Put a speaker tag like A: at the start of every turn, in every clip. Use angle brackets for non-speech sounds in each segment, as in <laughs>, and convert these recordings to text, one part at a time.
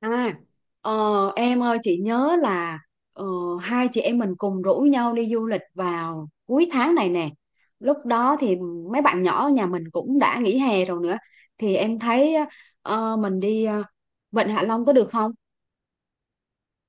A: À, em ơi, chị nhớ là ờ, hai chị em mình cùng rủ nhau đi du lịch vào cuối tháng này nè. Lúc đó thì mấy bạn nhỏ ở nhà mình cũng đã nghỉ hè rồi nữa. Thì em thấy mình đi Vịnh Hạ Long có được không?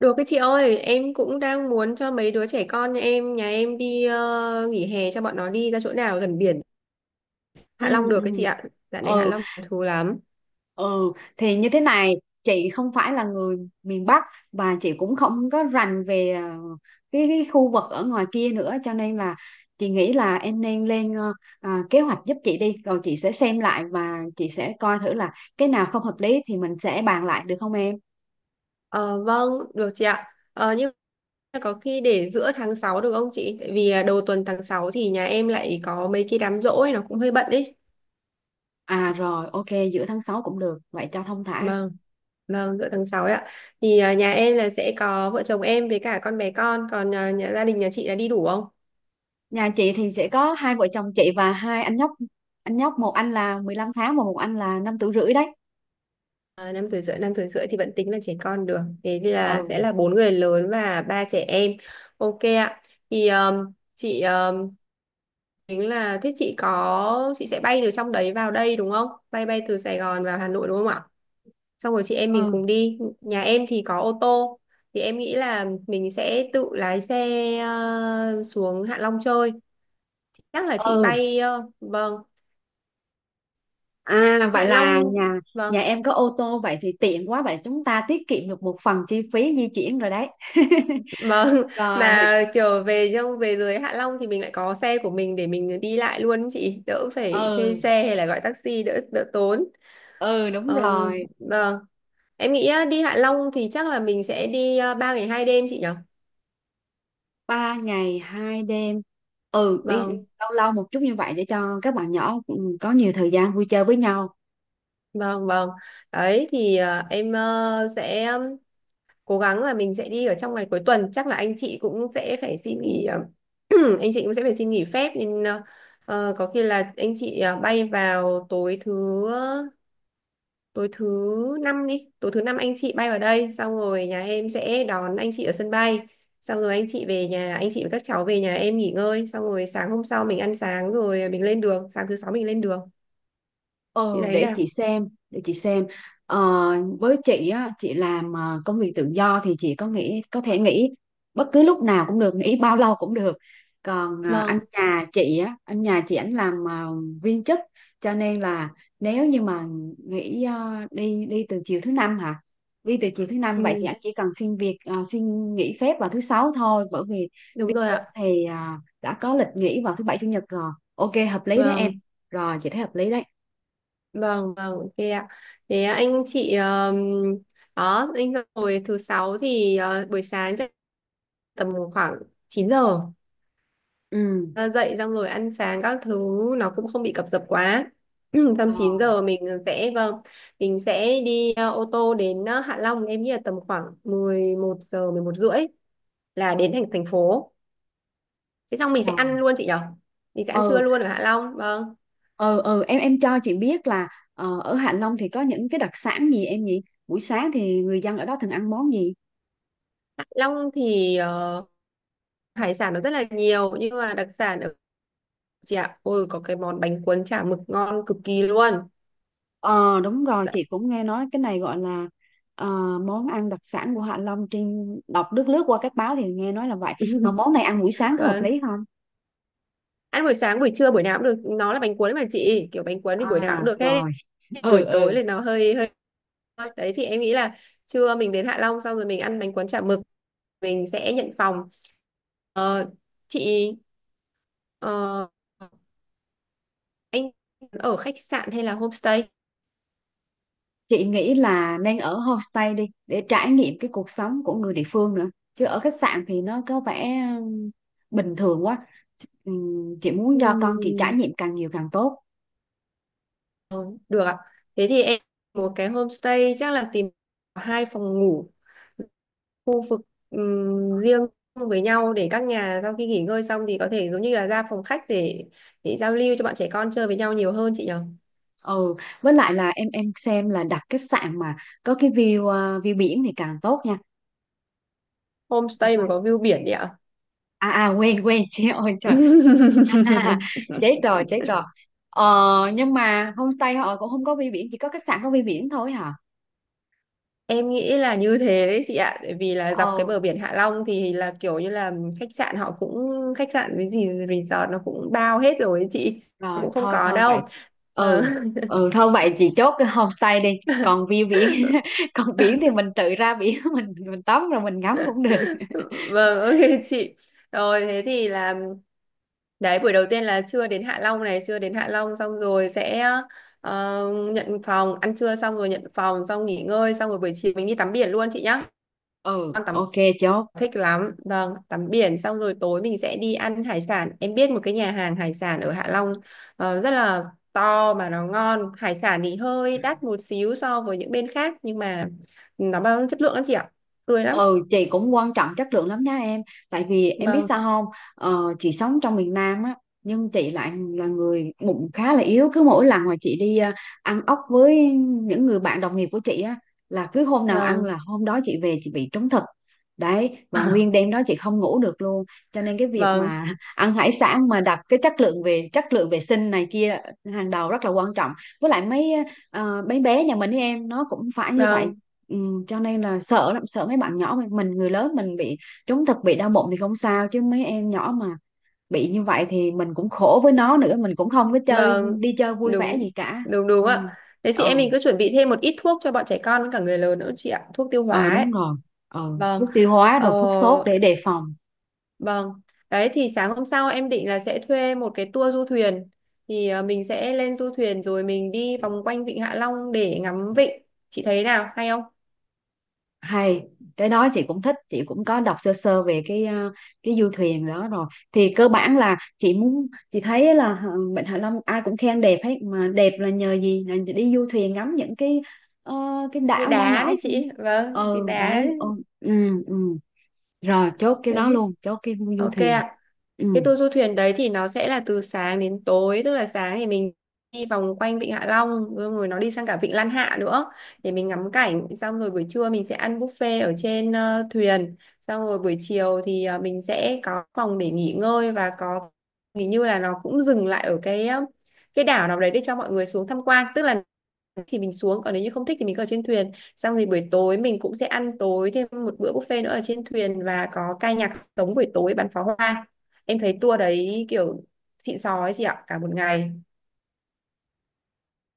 B: Được cái chị ơi, em cũng đang muốn cho mấy đứa trẻ con nhà em đi nghỉ hè cho bọn nó đi ra chỗ nào gần biển. Hạ
A: Ừ,
B: Long được cái chị
A: ừ,
B: ạ. Dạo này Hạ
A: ừ,
B: Long có thú lắm.
A: ừ, thì như thế này, chị không phải là người miền Bắc và chị cũng không có rành về cái khu vực ở ngoài kia nữa, cho nên là chị nghĩ là em nên lên kế hoạch giúp chị đi, rồi chị sẽ xem lại và chị sẽ coi thử là cái nào không hợp lý thì mình sẽ bàn lại, được không em?
B: Ờ, vâng, được chị ạ. Ờ, nhưng mà có khi để giữa tháng 6 được không chị? Tại vì đầu tuần tháng 6 thì nhà em lại có mấy cái đám giỗ ấy, nó cũng hơi bận ấy.
A: À rồi, ok, giữa tháng 6 cũng được, vậy cho thông thả.
B: Vâng, vâng, giữa tháng 6 ấy ạ. Thì nhà em là sẽ có vợ chồng em với cả con bé con, còn gia đình nhà chị đã đi đủ không?
A: Nhà chị thì sẽ có hai vợ chồng chị và hai anh nhóc. Anh nhóc một anh là 15 tháng và một anh là 5 tuổi rưỡi đấy.
B: 5 tuổi rưỡi, 5 tuổi rưỡi thì vẫn tính là trẻ con được. Thế thì là
A: Ừ,
B: sẽ là 4 người lớn và 3 trẻ em. Ok ạ. Thì chị tính là thế chị sẽ bay từ trong đấy vào đây đúng không? Bay bay từ Sài Gòn vào Hà Nội đúng không ạ? Xong rồi chị em mình
A: ừ,
B: cùng đi. Nhà em thì có ô tô. Thì em nghĩ là mình sẽ tự lái xe xuống Hạ Long chơi. Chắc là chị
A: ừ,
B: bay vâng,
A: vậy
B: Hạ
A: là
B: Long.
A: nhà
B: Vâng.
A: nhà em có ô tô, vậy thì tiện quá, vậy chúng ta tiết kiệm được một phần chi phí di chuyển rồi đấy. <laughs>
B: Vâng, <laughs>
A: Rồi.
B: mà kiểu về dưới Hạ Long thì mình lại có xe của mình để mình đi lại luôn ý chị, đỡ phải thuê
A: Ừ,
B: xe hay là gọi taxi đỡ đỡ tốn.
A: ừ, đúng rồi.
B: Vâng, em nghĩ á, đi Hạ Long thì chắc là mình sẽ đi 3 ngày 2 đêm chị nhỉ?
A: 3 ngày 2 đêm. Đi
B: Vâng,
A: lâu lâu một chút như vậy để cho các bạn nhỏ có nhiều thời gian vui chơi với nhau.
B: vâng, vâng. Đấy thì em sẽ cố gắng là mình sẽ đi ở trong ngày cuối tuần, chắc là anh chị cũng sẽ phải xin nghỉ <clears throat> anh chị cũng sẽ phải xin nghỉ phép nên có khi là anh chị bay vào tối thứ tối thứ năm anh chị bay vào đây xong rồi nhà em sẽ đón anh chị ở sân bay xong rồi anh chị về nhà anh chị và các cháu về nhà em nghỉ ngơi, xong rồi sáng hôm sau mình ăn sáng rồi mình lên đường, sáng thứ sáu mình lên đường. Chị
A: Ừ,
B: thấy
A: để chị
B: nào?
A: xem, để chị xem. ờ, với chị á, chị làm công việc tự do thì chị có nghĩ có thể nghỉ bất cứ lúc nào cũng được, nghỉ bao lâu cũng được. Còn anh
B: Vâng.
A: nhà chị á, anh nhà chị ảnh làm viên chức, cho nên là nếu như mà nghỉ đi đi từ chiều thứ năm hả, đi từ chiều thứ năm vậy thì
B: Ừ,
A: anh chỉ cần xin việc xin nghỉ phép vào thứ sáu thôi, bởi vì
B: đúng
A: viên
B: rồi
A: chức
B: ạ.
A: thì đã có lịch nghỉ vào thứ bảy chủ nhật rồi. Ok, hợp lý đấy em.
B: Vâng,
A: Rồi, chị thấy hợp lý đấy.
B: vâng, vâng, ok ạ. Thế anh chị đó anh, rồi thứ sáu thì buổi sáng chắc tầm khoảng 9 giờ.
A: Ừ,
B: Ờ, Dậy xong rồi ăn sáng các thứ, nó cũng không bị cập dập quá. <clears throat> Xong 9
A: rồi,
B: giờ mình sẽ, vâng, mình sẽ đi ô tô đến Hạ Long, em nghĩ là tầm khoảng 11 giờ 11 rưỡi là đến thành thành phố. Thế xong mình sẽ
A: rồi.
B: ăn luôn chị nhở? Mình sẽ ăn trưa
A: Ừ,
B: luôn ở Hạ Long. Vâng.
A: ừ, ừ, em cho chị biết là ở Hạ Long thì có những cái đặc sản gì em nhỉ? Buổi sáng thì người dân ở đó thường ăn món gì?
B: Hạ Long thì hải sản nó rất là nhiều, nhưng mà đặc sản ở chị ạ, ôi có cái món bánh cuốn chả mực ngon cực kỳ luôn.
A: Ờ, đúng rồi,
B: Dạ.
A: chị cũng nghe nói cái này gọi là ờ, món ăn đặc sản của Hạ Long, trên đọc lướt lướt qua các báo thì nghe nói là vậy. Mà món này ăn buổi
B: <laughs>
A: sáng có hợp
B: Vâng,
A: lý không?
B: ăn buổi sáng buổi trưa buổi nào cũng được, nó là bánh cuốn mà chị, kiểu bánh cuốn thì buổi nào cũng
A: À,
B: được hết.
A: rồi. Ừ,
B: Buổi tối
A: ừ.
B: thì nó hơi hơi. Đấy thì em nghĩ là trưa mình đến Hạ Long xong rồi mình ăn bánh cuốn chả mực, mình sẽ nhận phòng. Ờ, chị, ờ, anh ở khách sạn hay là homestay?
A: Chị nghĩ là nên ở homestay đi, để trải nghiệm cái cuộc sống của người địa phương nữa, chứ ở khách sạn thì nó có vẻ bình thường quá. Chị muốn cho con chị trải
B: Ừm,
A: nghiệm càng nhiều càng tốt.
B: Được ạ, thế thì em một cái homestay chắc là tìm 2 phòng ngủ khu vực riêng với nhau để các nhà sau khi nghỉ ngơi xong thì có thể giống như là ra phòng khách để giao lưu cho bọn trẻ con chơi với nhau nhiều hơn chị nhở?
A: Ừ, với lại là em xem là đặt khách sạn mà có cái view biển thì càng tốt nha, được
B: Homestay mà
A: không?
B: có view biển đấy ạ?
A: Quên, quên. <laughs> Chị ơi trời, à,
B: <laughs>
A: chết rồi, chết rồi. ờ nhưng mà homestay họ cũng không có view biển, chỉ có khách sạn có view biển thôi hả?
B: Em nghĩ là như thế đấy chị ạ, bởi vì là dọc cái
A: ờ
B: bờ biển Hạ Long thì là kiểu như là khách sạn họ cũng khách sạn với gì resort nó cũng bao hết rồi ấy chị,
A: Rồi,
B: cũng không
A: thôi
B: có
A: thôi vậy.
B: đâu.
A: Ừ,
B: Vâng.
A: ừ, thôi vậy chị chốt cái homestay đi, còn view biển
B: <laughs>
A: <laughs> còn biển thì mình tự ra biển, <laughs> mình tắm rồi mình ngắm cũng được.
B: Vâng. <laughs> Ok chị, rồi thế thì là đấy, buổi đầu tiên là chưa đến Hạ Long này chưa đến Hạ Long, xong rồi sẽ ờ, nhận phòng, ăn trưa xong rồi nhận phòng xong nghỉ ngơi, xong rồi buổi chiều mình đi tắm biển luôn chị nhá.
A: Ừ,
B: Con tắm
A: ok, chốt.
B: thích lắm. Vâng, tắm biển xong rồi tối mình sẽ đi ăn hải sản, em biết một cái nhà hàng hải sản ở Hạ Long rất là to mà nó ngon, hải sản thì hơi đắt một xíu so với những bên khác nhưng mà nó bao chất lượng lắm chị ạ, tươi lắm.
A: Ừ, chị cũng quan trọng chất lượng lắm nha em, tại vì em biết
B: Vâng,
A: sao không, chị sống trong miền Nam á, nhưng chị lại là người bụng khá là yếu. Cứ mỗi lần mà chị đi ăn ốc với những người bạn đồng nghiệp của chị á, là cứ hôm nào ăn
B: vâng.
A: là hôm đó chị về chị bị trúng thực đấy, và
B: <laughs>
A: nguyên đêm đó chị không ngủ được luôn. Cho nên cái việc
B: Vâng,
A: mà <laughs> ăn hải sản mà đặt cái chất lượng, về chất lượng vệ sinh này kia hàng đầu rất là quan trọng. Với lại mấy mấy bé nhà mình ấy em, nó cũng phải như vậy.
B: vâng,
A: Ừ, cho nên là sợ lắm, sợ mấy bạn nhỏ mình, người lớn mình bị trúng thực bị đau bụng thì không sao, chứ mấy em nhỏ mà bị như vậy thì mình cũng khổ với nó nữa, mình cũng không có chơi,
B: vâng,
A: đi chơi vui vẻ
B: đúng
A: gì cả.
B: đúng đúng
A: Ừ.
B: ạ. Thế chị em
A: ờ
B: mình cứ chuẩn bị thêm một ít thuốc cho bọn trẻ con với cả người lớn nữa chị ạ, thuốc tiêu
A: ờ,
B: hóa ấy.
A: đúng rồi. ờ
B: Vâng.
A: Thuốc tiêu hóa
B: ờ,
A: rồi thuốc sốt để đề phòng.
B: vâng. Đấy thì sáng hôm sau em định là sẽ thuê một cái tour du thuyền, thì mình sẽ lên du thuyền rồi mình đi vòng quanh vịnh Hạ Long để ngắm vịnh. Chị thấy nào, hay không?
A: Hay, cái đó chị cũng thích, chị cũng có đọc sơ sơ về cái cái du thuyền đó rồi. Thì cơ bản là chị muốn, chị thấy là Vịnh Hạ Long ai cũng khen đẹp hết, mà đẹp là nhờ gì, là đi du thuyền ngắm những cái ờ, cái
B: Như
A: đảo nhỏ
B: đá
A: nhỏ
B: đấy
A: trên.
B: chị, vâng, cái
A: Ừ,
B: đá
A: đấy.
B: ấy.
A: Ừ, ừ, ừ. Rồi, chốt cái đó
B: Đấy,
A: luôn, chốt cái du
B: ok
A: thuyền.
B: ạ.
A: Ừ.
B: Cái tour du thuyền đấy thì nó sẽ là từ sáng đến tối, tức là sáng thì mình đi vòng quanh Vịnh Hạ Long, xong rồi nó đi sang cả Vịnh Lan Hạ nữa để mình ngắm cảnh, xong rồi buổi trưa mình sẽ ăn buffet ở trên thuyền, xong rồi buổi chiều thì mình sẽ có phòng để nghỉ ngơi, và có hình như là nó cũng dừng lại ở cái cái đảo nào đấy để cho mọi người xuống tham quan, tức là thì mình xuống, còn nếu như không thích thì mình cứ ở trên thuyền, xong thì buổi tối mình cũng sẽ ăn tối thêm một bữa buffet nữa ở trên thuyền, và có ca nhạc sống buổi tối, bắn pháo hoa. Em thấy tour đấy kiểu xịn sò ấy chị ạ, cả một ngày.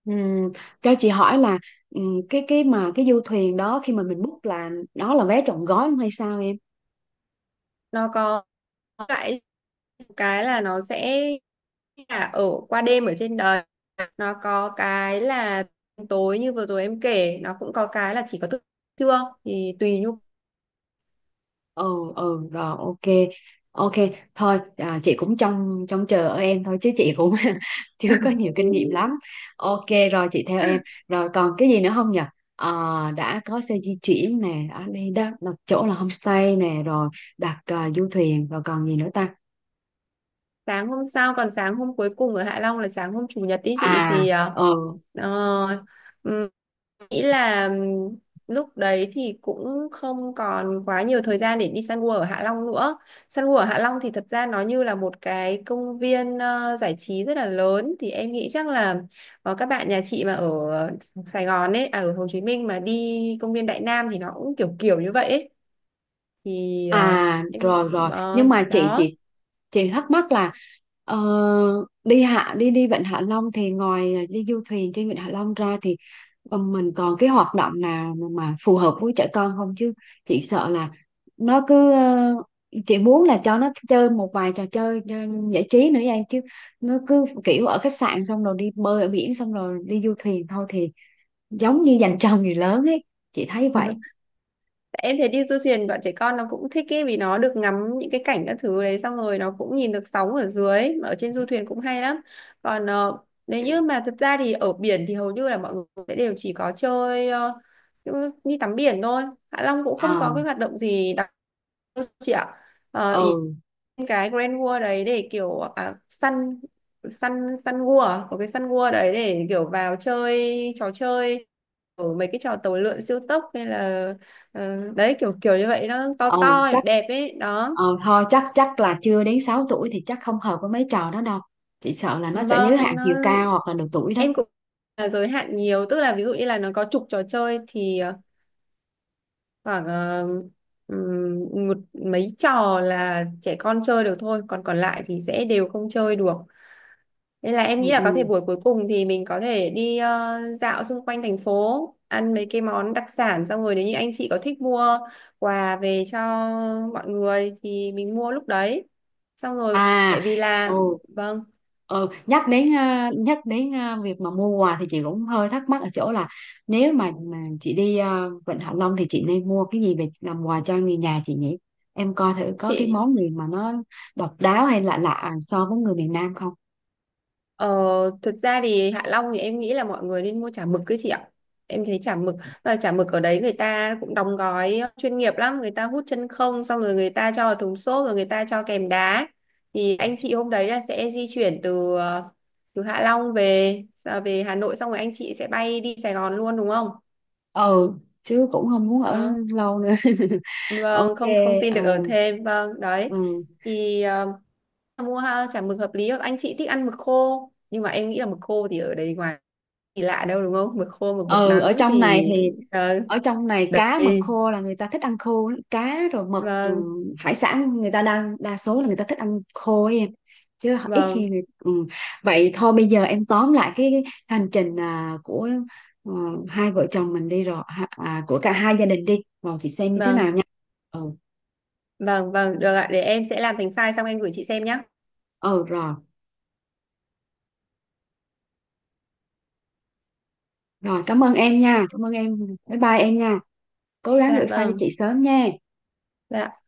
A: Ừ, cho chị hỏi là, ừ, cái du thuyền đó khi mà mình book là đó là vé trọn gói không hay sao?
B: Nó có lại cái là nó sẽ là ở qua đêm ở trên đời. Nó có cái là tối như vừa rồi em kể, nó cũng có cái là chỉ có thức trưa, thì tùy nhu.
A: Ừ, ừ, rồi, ok. Ok, thôi chị cũng trông trông chờ ở em thôi, chứ chị cũng <laughs> chưa có nhiều kinh nghiệm lắm. Ok, rồi, chị theo em.
B: <laughs>
A: Rồi còn cái gì nữa không nhỉ? Ờ, đã có xe di chuyển nè, đã đi đó đặt chỗ là homestay nè rồi, đặt du thuyền rồi, còn gì nữa ta?
B: Sáng hôm sau, còn sáng hôm cuối cùng ở Hạ Long là sáng hôm chủ nhật ý
A: À,
B: chị, thì
A: ừ,
B: uh, nghĩ là lúc đấy thì cũng không còn quá nhiều thời gian để đi săn gua ở Hạ Long nữa. Săn gua ở Hạ Long thì thật ra nó như là một cái công viên giải trí rất là lớn, thì em nghĩ chắc là các bạn nhà chị mà ở Sài Gòn ấy, ở Hồ Chí Minh mà đi công viên Đại Nam thì nó cũng kiểu kiểu như vậy ấy. Thì
A: à,
B: em
A: rồi, rồi, nhưng mà chị
B: đó.
A: chị chị thắc mắc là ờ, đi Vịnh Hạ Long thì ngoài đi du thuyền trên Vịnh Hạ Long ra thì mình còn cái hoạt động nào mà phù hợp với trẻ con không chứ? Chị sợ là nó cứ chị muốn là cho nó chơi một vài trò chơi cho giải trí nữa em, chứ nó cứ kiểu ở khách sạn xong rồi đi bơi ở biển xong rồi đi du thuyền thôi thì giống như dành cho người lớn ấy, chị thấy vậy.
B: Em thấy đi du thuyền bọn trẻ con nó cũng thích ý, vì nó được ngắm những cái cảnh các thứ đấy, xong rồi nó cũng nhìn được sóng ở dưới mà ở trên du thuyền cũng hay lắm. Còn nếu như mà thật ra thì ở biển thì hầu như là mọi người sẽ đều chỉ có chơi đi tắm biển thôi. Hạ Long cũng không có
A: À,
B: cái hoạt động gì đặc biệt đâu chị ạ. Ý
A: ừ
B: cái Grand World đấy để kiểu Sun Sun Sun World à? Có cái Sun World đấy để kiểu vào chơi trò chơi, ở mấy cái trò tàu lượn siêu tốc hay là đấy, kiểu kiểu như vậy, nó to
A: ờ
B: to đẹp
A: chắc
B: đẹp ấy đó.
A: thôi, chắc chắc là chưa đến 6 tuổi thì chắc không hợp với mấy trò đó đâu, chị sợ là nó sẽ giới hạn
B: Vâng, nó
A: chiều cao hoặc là độ tuổi đấy.
B: em cũng là giới hạn nhiều, tức là ví dụ như là nó có chục trò chơi thì khoảng ừm, một mấy trò là trẻ con chơi được thôi, còn còn lại thì sẽ đều không chơi được. Nên là em
A: Ừ,
B: nghĩ là có thể
A: ừ.
B: buổi cuối cùng thì mình có thể đi dạo xung quanh thành phố, ăn mấy cái món đặc sản, xong rồi nếu như anh chị có thích mua quà về cho mọi người thì mình mua lúc đấy. Xong rồi
A: À,
B: tại vì là,
A: ừ,
B: vâng,
A: ừ. Nhắc đến việc mà mua quà thì chị cũng hơi thắc mắc ở chỗ là, nếu mà chị đi Vịnh Hạ Long thì chị nên mua cái gì về làm quà cho người nhà chị nhỉ? Em coi thử có cái
B: chị.
A: món gì mà nó độc đáo hay lạ lạ so với người miền Nam không.
B: Ờ, Thực ra thì Hạ Long thì em nghĩ là mọi người nên mua chả mực cái chị ạ. Em thấy chả mực ở đấy người ta cũng đóng gói chuyên nghiệp lắm, người ta hút chân không xong rồi người ta cho vào thùng xốp rồi người ta cho kèm đá. Thì anh chị hôm đấy là sẽ di chuyển từ Hạ Long về Hà Nội xong rồi anh chị sẽ bay đi Sài Gòn luôn đúng không?
A: Ừ, chứ cũng không muốn ở
B: Đó.
A: lâu nữa. <laughs>
B: Vâng,
A: Ok.
B: không không xin được ở
A: Ừ,
B: thêm. Vâng, đấy.
A: ừ.
B: Thì mua ha, chả mực hợp lý. Anh chị thích ăn mực khô, nhưng mà em nghĩ là mực khô thì ở đấy ngoài gì lạ đâu đúng không? Mực khô, mực bột
A: ừ ở
B: nắng
A: trong này
B: thì
A: thì
B: ờ,
A: Ở trong này cá mực
B: đấy.
A: khô là người ta thích ăn khô lắm. Cá rồi mực
B: Vâng,
A: rồi hải sản, người ta đang đa số là người ta thích ăn khô ấy em, chứ ít khi
B: vâng,
A: người... ừ. Vậy thôi, bây giờ em tóm lại cái hành trình của ờ, hai vợ chồng mình đi rồi ha- à, của cả hai gia đình đi, rồi chị xem như thế nào
B: vâng,
A: nha. Ừ,
B: vâng, vâng, được ạ, để em sẽ làm thành file xong em gửi chị xem nhé.
A: ừ, rồi, rồi. Cảm ơn em nha, cảm ơn em. Bye bye em nha. Cố gắng
B: Dạ
A: gửi file cho
B: vâng.
A: chị sớm nha.
B: Dạ.